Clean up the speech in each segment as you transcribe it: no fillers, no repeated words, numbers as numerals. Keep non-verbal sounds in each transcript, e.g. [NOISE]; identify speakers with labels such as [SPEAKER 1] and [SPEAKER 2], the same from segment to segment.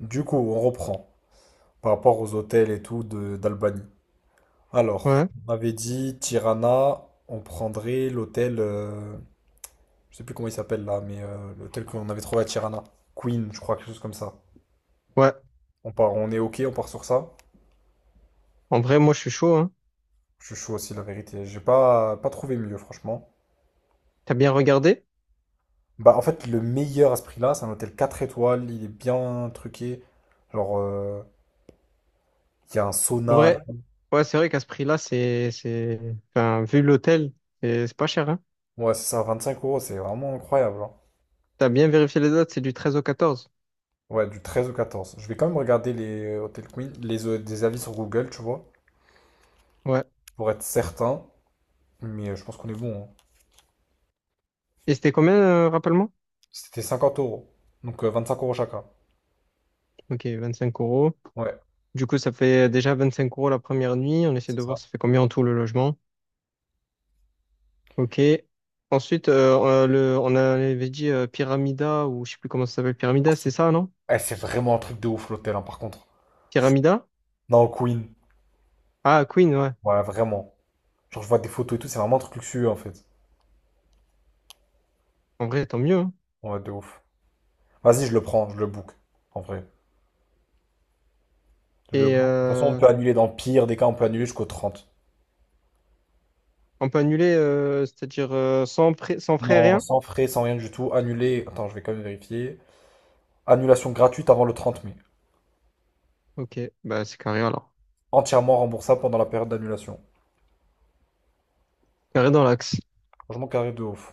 [SPEAKER 1] Du coup, on reprend par rapport aux hôtels et tout de d'Albanie. Alors,
[SPEAKER 2] Ouais,
[SPEAKER 1] on avait dit Tirana, on prendrait l'hôtel, je sais plus comment il s'appelle là, mais l'hôtel qu'on avait trouvé à Tirana, Queen, je crois, quelque chose comme ça.
[SPEAKER 2] ouais.
[SPEAKER 1] On part, on est OK, on part sur ça.
[SPEAKER 2] En vrai, moi, je suis chaud, hein.
[SPEAKER 1] Je suis chaud aussi, la vérité. J'ai pas trouvé mieux, franchement.
[SPEAKER 2] T'as bien regardé?
[SPEAKER 1] Bah, en fait, le meilleur à ce prix-là, c'est un hôtel 4 étoiles, il est bien truqué. Genre, il y a un
[SPEAKER 2] En
[SPEAKER 1] sauna.
[SPEAKER 2] vrai, ouais, c'est vrai qu'à ce prix-là, c'est, enfin, vu l'hôtel, c'est pas cher, hein.
[SPEAKER 1] Ouais, c'est ça, 25 euros, c'est vraiment incroyable, hein.
[SPEAKER 2] T'as bien vérifié les dates, c'est du 13 au 14.
[SPEAKER 1] Ouais, du 13 au 14. Je vais quand même regarder les Hotel Queen, des avis sur Google, tu vois,
[SPEAKER 2] Ouais.
[SPEAKER 1] pour être certain. Mais je pense qu'on est bon, hein.
[SPEAKER 2] Et c'était combien, rappelle-moi?
[SPEAKER 1] C'était 50 euros. Donc 5 € chacun.
[SPEAKER 2] Ok, 25 euros.
[SPEAKER 1] Ouais,
[SPEAKER 2] Du coup, ça fait déjà 25 € la première nuit. On essaie
[SPEAKER 1] c'est
[SPEAKER 2] de voir
[SPEAKER 1] ça.
[SPEAKER 2] ça fait combien en tout le logement. Ok. Ensuite, on avait dit Pyramida, ou je sais plus comment ça s'appelle.
[SPEAKER 1] Ah,
[SPEAKER 2] Pyramida,
[SPEAKER 1] c'est
[SPEAKER 2] c'est ça, non?
[SPEAKER 1] eh, c'est vraiment un truc de ouf l'hôtel, hein, par contre.
[SPEAKER 2] Pyramida?
[SPEAKER 1] Non, Queen.
[SPEAKER 2] Ah, Queen, ouais.
[SPEAKER 1] Ouais, vraiment. Genre, je vois des photos et tout, c'est vraiment un truc luxueux en fait.
[SPEAKER 2] En vrai, tant mieux, hein.
[SPEAKER 1] Ouais, de ouf. Vas-y, je le prends, je le book. En vrai. Je le
[SPEAKER 2] Et
[SPEAKER 1] book. De toute façon, on
[SPEAKER 2] euh,
[SPEAKER 1] peut annuler dans le pire des cas, on peut annuler jusqu'au 30.
[SPEAKER 2] On peut annuler, c'est-à-dire sans, sans frais,
[SPEAKER 1] Non,
[SPEAKER 2] rien?
[SPEAKER 1] sans frais, sans rien du tout. Annuler. Attends, je vais quand même vérifier. Annulation gratuite avant le 30 mai.
[SPEAKER 2] Ok, bah c'est carré alors.
[SPEAKER 1] Entièrement remboursable pendant la période d'annulation.
[SPEAKER 2] Carré dans l'axe.
[SPEAKER 1] Franchement, carré de ouf.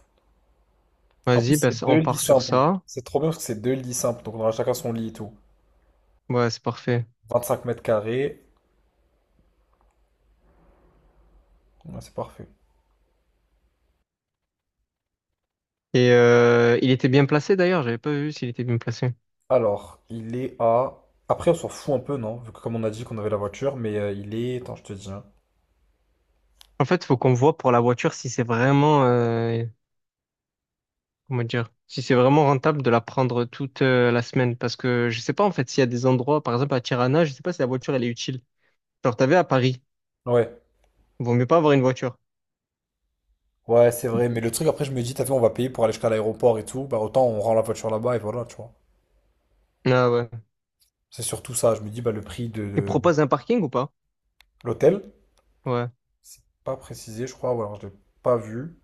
[SPEAKER 1] En plus,
[SPEAKER 2] Vas-y, bah,
[SPEAKER 1] c'est deux
[SPEAKER 2] on
[SPEAKER 1] lits
[SPEAKER 2] part sur
[SPEAKER 1] simples.
[SPEAKER 2] ça.
[SPEAKER 1] C'est trop bien parce que c'est deux lits simples. Donc, on aura chacun son lit et tout.
[SPEAKER 2] Ouais, c'est parfait.
[SPEAKER 1] 25 mètres carrés. Ouais, c'est parfait.
[SPEAKER 2] Il était bien placé d'ailleurs, j'avais pas vu s'il était bien placé.
[SPEAKER 1] Alors, il est à. Après, on s'en fout un peu, non? Vu que, comme on a dit qu'on avait la voiture, mais il est. Attends, je te dis, hein.
[SPEAKER 2] En fait, faut qu'on voit pour la voiture si c'est vraiment, comment dire, si c'est vraiment rentable de la prendre toute la semaine. Parce que je sais pas en fait s'il y a des endroits, par exemple à Tirana, je sais pas si la voiture elle est utile. Genre t'avais à Paris,
[SPEAKER 1] Ouais.
[SPEAKER 2] vaut mieux pas avoir une voiture.
[SPEAKER 1] Ouais, c'est vrai. Mais le truc, après, je me dis, t'as vu, on va payer pour aller jusqu'à l'aéroport et tout. Bah, autant on rend la voiture là-bas et voilà, tu vois.
[SPEAKER 2] Ah ouais.
[SPEAKER 1] C'est surtout ça. Je me dis, bah, le prix
[SPEAKER 2] Il
[SPEAKER 1] de
[SPEAKER 2] propose un parking ou pas?
[SPEAKER 1] de l'hôtel,
[SPEAKER 2] Ouais.
[SPEAKER 1] c'est pas précisé, je crois. Ou alors, je l'ai pas vu.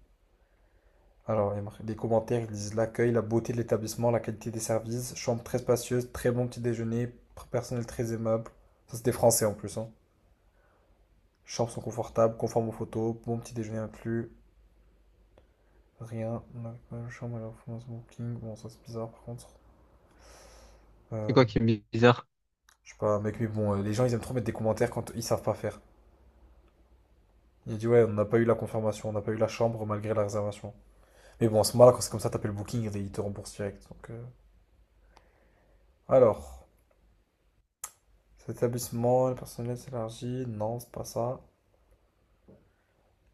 [SPEAKER 1] Alors, il y a marqué- les commentaires, ils disent l'accueil, la beauté de l'établissement, la qualité des services, chambre très spacieuse, très bon petit déjeuner, personnel très aimable. Ça, c'est des Français en plus, hein. Chambres sont confortables, conformes aux photos, bon petit déjeuner inclus, rien. On avait pas une chambre à la Fondation Booking. Bon, ça c'est bizarre par contre.
[SPEAKER 2] C'est
[SPEAKER 1] Euh,
[SPEAKER 2] quoi qui est bizarre?
[SPEAKER 1] je sais pas, mec, mais bon, les gens ils aiment trop mettre des commentaires quand ils savent pas faire. Il dit ouais, on n'a pas eu la confirmation, on n'a pas eu la chambre malgré la réservation. Mais bon, à ce moment-là, quand c'est comme ça, t'appelles Booking et ils te remboursent direct. Donc, alors. L'établissement, le personnel s'élargit. Non, c'est pas ça.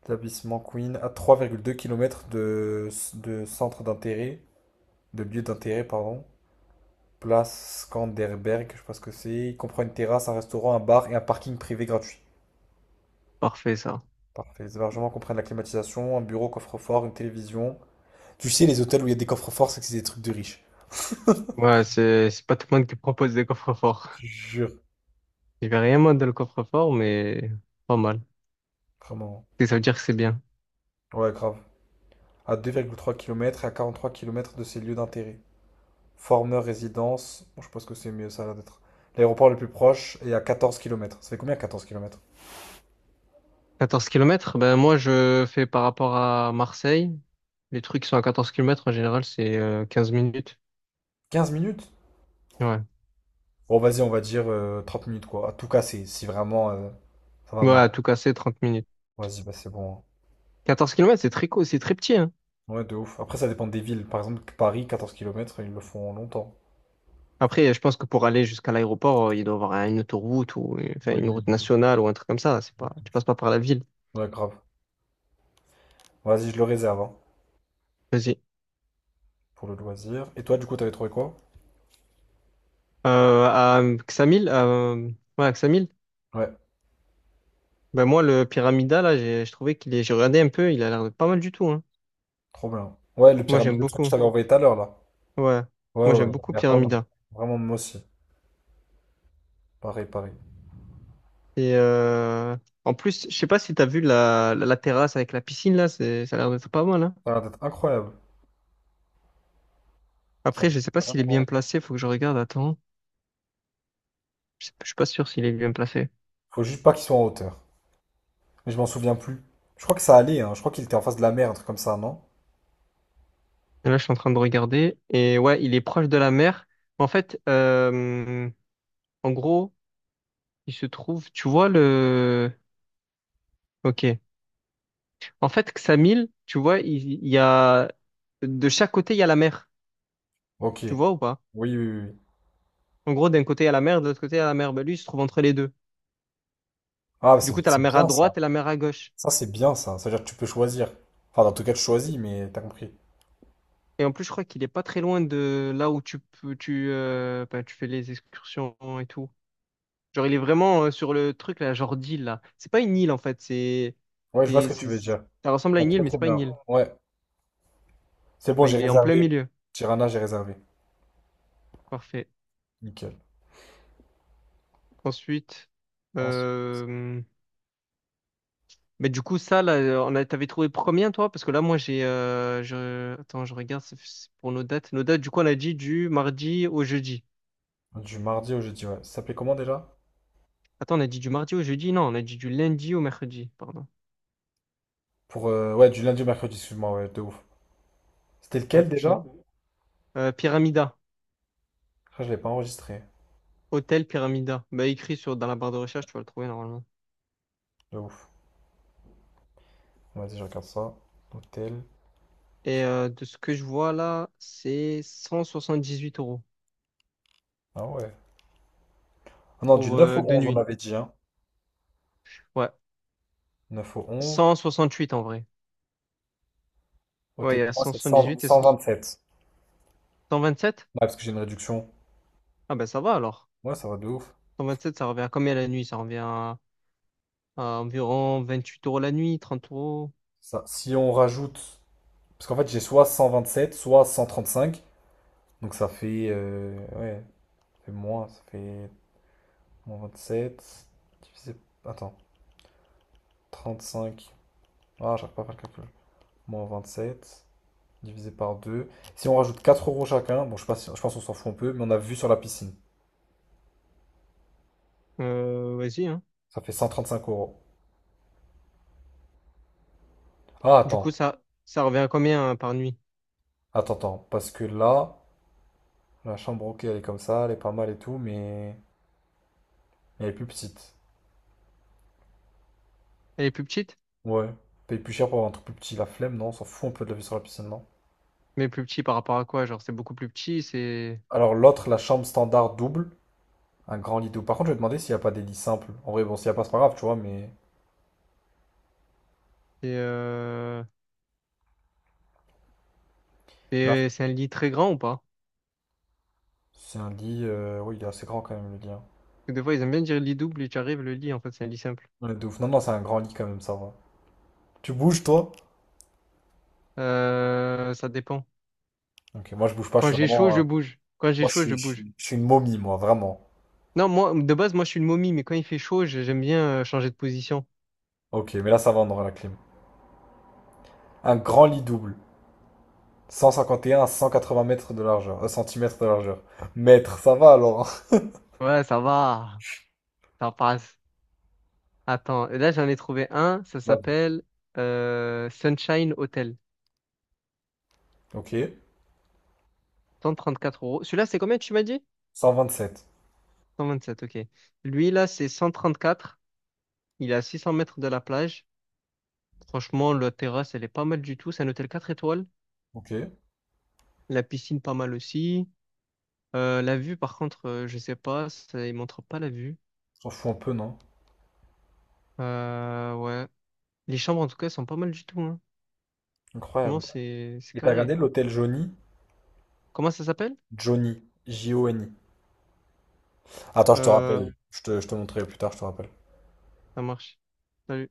[SPEAKER 1] Établissement Queen à 3,2 km de centre d'intérêt, de lieu d'intérêt, pardon. Place Skanderberg, je sais pas ce que c'est. Il comprend une terrasse, un restaurant, un bar et un parking privé gratuit.
[SPEAKER 2] Parfait ça.
[SPEAKER 1] Parfait. Les hébergements comprennent la climatisation, un bureau, coffre-fort, une télévision. Tu sais, les hôtels où il y a des coffres-forts, c'est que c'est des trucs de riches.
[SPEAKER 2] Ouais, c'est pas tout le monde qui propose des coffres forts.
[SPEAKER 1] Je jure,
[SPEAKER 2] Je vais rien moi dans le coffre-fort, mais pas mal.
[SPEAKER 1] vraiment.
[SPEAKER 2] Et ça veut dire que c'est bien.
[SPEAKER 1] Ouais, grave. À 2,3 km et à 43 km de ces lieux d'intérêt. Former résidence. Bon, je pense que c'est mieux ça là d'être. L'aéroport le plus proche est à 14 km. Ça fait combien? 14 km?
[SPEAKER 2] Quatorze kilomètres, ben moi je fais par rapport à Marseille. Les trucs qui sont à 14 kilomètres en général, c'est 15 minutes.
[SPEAKER 1] Quinze minutes?
[SPEAKER 2] Ouais.
[SPEAKER 1] Bon, vas-y, on va dire 30 minutes quoi. À tout casser, si vraiment ça va
[SPEAKER 2] Ouais,
[SPEAKER 1] mal.
[SPEAKER 2] à tout casser, 30 minutes.
[SPEAKER 1] Vas-y, bah c'est bon, hein.
[SPEAKER 2] Quatorze kilomètres, c'est très court, c'est très petit, hein.
[SPEAKER 1] Ouais, de ouf. Après, ça dépend des villes. Par exemple, Paris, 14 km, ils le font longtemps.
[SPEAKER 2] Après, je pense que pour aller jusqu'à l'aéroport, il doit y avoir une autoroute ou enfin,
[SPEAKER 1] Oui,
[SPEAKER 2] une route
[SPEAKER 1] de ouf,
[SPEAKER 2] nationale ou un truc comme ça. C'est
[SPEAKER 1] de
[SPEAKER 2] pas,
[SPEAKER 1] ouf, de
[SPEAKER 2] tu passes
[SPEAKER 1] ouf.
[SPEAKER 2] pas par la ville.
[SPEAKER 1] Ouais, grave. Vas-y, je le réserve hein,
[SPEAKER 2] Vas-y.
[SPEAKER 1] pour le loisir. Et toi, du coup, t'avais trouvé quoi?
[SPEAKER 2] À Xamil, ouais, à Ksamil.
[SPEAKER 1] Ouais,
[SPEAKER 2] Ben moi, le Pyramida, là, j'ai je trouvais qu'il est... J'ai regardé un peu, il a l'air pas mal du tout, hein.
[SPEAKER 1] trop bien. Ouais, le
[SPEAKER 2] Moi,
[SPEAKER 1] pyramide,
[SPEAKER 2] j'aime
[SPEAKER 1] le truc que je
[SPEAKER 2] beaucoup.
[SPEAKER 1] t'avais envoyé tout à l'heure là.
[SPEAKER 2] Ouais.
[SPEAKER 1] Ouais,
[SPEAKER 2] Moi,
[SPEAKER 1] ouais,
[SPEAKER 2] j'aime
[SPEAKER 1] ouais, il
[SPEAKER 2] beaucoup
[SPEAKER 1] a l'air pas mal.
[SPEAKER 2] Pyramida.
[SPEAKER 1] Vraiment, moi aussi. Pareil, pareil.
[SPEAKER 2] Et euh, en plus, je sais pas si t'as vu la terrasse avec la piscine, là, ça a l'air d'être pas mal, hein.
[SPEAKER 1] Ça a l'air d'être incroyable. Ça
[SPEAKER 2] Après,
[SPEAKER 1] me
[SPEAKER 2] je sais pas s'il est bien
[SPEAKER 1] vraiment.
[SPEAKER 2] placé, faut que je regarde, attends. Je suis pas sûr s'il est bien placé.
[SPEAKER 1] Faut juste pas qu'ils soient en hauteur. Mais je m'en souviens plus. Je crois que ça allait, hein. Je crois qu'il était en face de la mer, un truc comme ça, non?
[SPEAKER 2] Et là, je suis en train de regarder. Et ouais, il est proche de la mer. En fait, en gros, il se trouve, tu vois Ok. En fait, Ksamil, tu vois, il y a de chaque côté, il y a la mer.
[SPEAKER 1] OK.
[SPEAKER 2] Tu
[SPEAKER 1] Oui,
[SPEAKER 2] vois ou pas?
[SPEAKER 1] oui, oui, oui.
[SPEAKER 2] En gros, d'un côté, il y a la mer, de l'autre côté, il y a la mer. Ben, lui, il se trouve entre les deux.
[SPEAKER 1] Ah,
[SPEAKER 2] Du coup, tu as la
[SPEAKER 1] c'est
[SPEAKER 2] mer à
[SPEAKER 1] bien ça.
[SPEAKER 2] droite et la mer à gauche.
[SPEAKER 1] Ça, c'est bien ça. C'est-à-dire que tu peux choisir. Enfin, dans tout cas, tu choisis, mais t'as compris.
[SPEAKER 2] Et en plus, je crois qu'il est pas très loin de là où tu peux, ben, tu fais les excursions et tout. Genre, il est vraiment sur le truc, là, genre d'île, là. C'est pas une île, en fait.
[SPEAKER 1] Ouais, je vois ce
[SPEAKER 2] C'est,
[SPEAKER 1] que tu veux
[SPEAKER 2] c'est-
[SPEAKER 1] dire.
[SPEAKER 2] ça ressemble
[SPEAKER 1] Je
[SPEAKER 2] à
[SPEAKER 1] vois
[SPEAKER 2] une île,
[SPEAKER 1] très
[SPEAKER 2] mais
[SPEAKER 1] très
[SPEAKER 2] c'est pas une
[SPEAKER 1] bien.
[SPEAKER 2] île.
[SPEAKER 1] Ouais. C'est bon,
[SPEAKER 2] Ben,
[SPEAKER 1] j'ai
[SPEAKER 2] il est en plein
[SPEAKER 1] réservé.
[SPEAKER 2] milieu.
[SPEAKER 1] Tirana, j'ai réservé.
[SPEAKER 2] Parfait.
[SPEAKER 1] Nickel.
[SPEAKER 2] Ensuite,
[SPEAKER 1] Ensuite,
[SPEAKER 2] euh, Mais du coup, ça, là, t'avais trouvé combien, toi? Parce que là, moi, Attends, je regarde, c'est pour nos dates. Nos dates, du coup, on a dit du mardi au jeudi.
[SPEAKER 1] du mardi au jeudi, ouais. Ça s'appelait comment déjà?
[SPEAKER 2] Attends, on a dit du mardi au jeudi? Non, on a dit du lundi au mercredi, pardon.
[SPEAKER 1] Pour, ouais, du lundi au mercredi, excuse-moi, ouais, de ouf. C'était
[SPEAKER 2] Ouais,
[SPEAKER 1] lequel déjà?
[SPEAKER 2] Pyramida.
[SPEAKER 1] Je crois que je l'ai pas enregistré.
[SPEAKER 2] Hôtel Pyramida. Bah, dans la barre de recherche, tu vas le trouver normalement.
[SPEAKER 1] De ouf. Vas-y, je regarde ça. Hôtel,
[SPEAKER 2] De ce que je vois là, c'est 178 €
[SPEAKER 1] ah ouais. Ah non, du
[SPEAKER 2] pour
[SPEAKER 1] 9 au
[SPEAKER 2] deux
[SPEAKER 1] 11, on
[SPEAKER 2] nuits.
[SPEAKER 1] avait dit, hein.
[SPEAKER 2] Ouais.
[SPEAKER 1] 9 au 11.
[SPEAKER 2] Cent soixante huit en vrai. Ouais,
[SPEAKER 1] Ôtez
[SPEAKER 2] il y
[SPEAKER 1] pour
[SPEAKER 2] a
[SPEAKER 1] moi,
[SPEAKER 2] cent
[SPEAKER 1] c'est
[SPEAKER 2] soixante dix huit et
[SPEAKER 1] 100
[SPEAKER 2] 100
[SPEAKER 1] 127.
[SPEAKER 2] 127?
[SPEAKER 1] Ouais, parce que j'ai une réduction.
[SPEAKER 2] Ah, ben ça va alors.
[SPEAKER 1] Ouais, ça va de ouf.
[SPEAKER 2] Cent vingt sept, ça revient à combien la nuit? Ça revient à environ 28 € la nuit, 30 euros.
[SPEAKER 1] Ça, si on rajoute. Parce qu'en fait, j'ai soit 127, soit 135. Donc ça fait, ouais, ça fait moins. Ça fait moins 27. Divisé. Attends, 35. Ah, j'arrive pas à faire le calcul. Moins 27. Divisé par 2. Si on rajoute 4 € chacun, bon, je sais pas je pense qu'on s'en fout un peu, mais on a vu sur la piscine.
[SPEAKER 2] Vas-y, hein.
[SPEAKER 1] Ça fait 135 euros. Ah,
[SPEAKER 2] Du
[SPEAKER 1] attends.
[SPEAKER 2] coup, ça revient à combien, hein, par nuit?
[SPEAKER 1] Attends, attends. Parce que là. La chambre, OK, elle est comme ça, elle est pas mal et tout, mais elle est plus petite.
[SPEAKER 2] Elle est plus petite?
[SPEAKER 1] Ouais. Paye plus cher pour avoir un truc plus petit, la flemme, non, on s'en fout un peu de la vue sur la piscine, non?
[SPEAKER 2] Mais plus petit par rapport à quoi? Genre, c'est beaucoup plus petit,
[SPEAKER 1] Alors l'autre, la chambre standard double, un grand lit double. Par contre, je vais demander s'il n'y a pas des lits simples. En vrai, bon, s'il n'y a pas, c'est pas grave, tu vois, mais
[SPEAKER 2] c'est euh,
[SPEAKER 1] là,
[SPEAKER 2] c'est un lit très grand ou pas?
[SPEAKER 1] c'est un lit, oui, il est assez grand quand même, le lit, hein.
[SPEAKER 2] Parce que des fois, ils aiment bien dire lit double et tu arrives, le lit, en fait, c'est un lit simple.
[SPEAKER 1] Ouais, de ouf. Non, non, c'est un grand lit quand même, ça va. Tu bouges, toi?
[SPEAKER 2] Ça dépend.
[SPEAKER 1] OK, moi je bouge pas, je
[SPEAKER 2] Quand
[SPEAKER 1] suis
[SPEAKER 2] j'ai chaud,
[SPEAKER 1] vraiment.
[SPEAKER 2] je bouge. Quand j'ai
[SPEAKER 1] Moi je
[SPEAKER 2] chaud, je
[SPEAKER 1] suis, je
[SPEAKER 2] bouge.
[SPEAKER 1] suis, je suis une momie, moi, vraiment.
[SPEAKER 2] Non, moi, de base, moi, je suis une momie, mais quand il fait chaud, j'aime bien changer de position.
[SPEAKER 1] OK, mais là ça va, on aura la clim. Un grand lit double. 151 à 180 mètres de largeur, centimètres de largeur. Mètres, ça va alors.
[SPEAKER 2] Ouais, ça va, ça passe. Attends, là j'en ai trouvé un, ça
[SPEAKER 1] [LAUGHS] Vas-y.
[SPEAKER 2] s'appelle Sunshine Hotel.
[SPEAKER 1] OK.
[SPEAKER 2] Cent trente quatre euros. Celui-là, c'est combien tu m'as dit?
[SPEAKER 1] 127.
[SPEAKER 2] 127, ok. Lui, là, c'est 134. Il est à 600 mètres de la plage. Franchement, la terrasse, elle est pas mal du tout. C'est un hôtel 4 étoiles.
[SPEAKER 1] OK.
[SPEAKER 2] La piscine, pas mal aussi. La vue, par contre, je sais pas. Ça, il montre pas la vue.
[SPEAKER 1] S'en fout un peu, non?
[SPEAKER 2] Ouais. Les chambres, en tout cas, elles sont pas mal du tout. Hein. Franchement,
[SPEAKER 1] Incroyable.
[SPEAKER 2] c'est
[SPEAKER 1] Et t'as regardé
[SPEAKER 2] carré.
[SPEAKER 1] l'hôtel Johnny?
[SPEAKER 2] Comment ça s'appelle?
[SPEAKER 1] Johnny. J-O-N-I. Attends, je te
[SPEAKER 2] Euh,
[SPEAKER 1] rappelle. Je te montrerai plus tard, je te rappelle.
[SPEAKER 2] ça marche. Salut.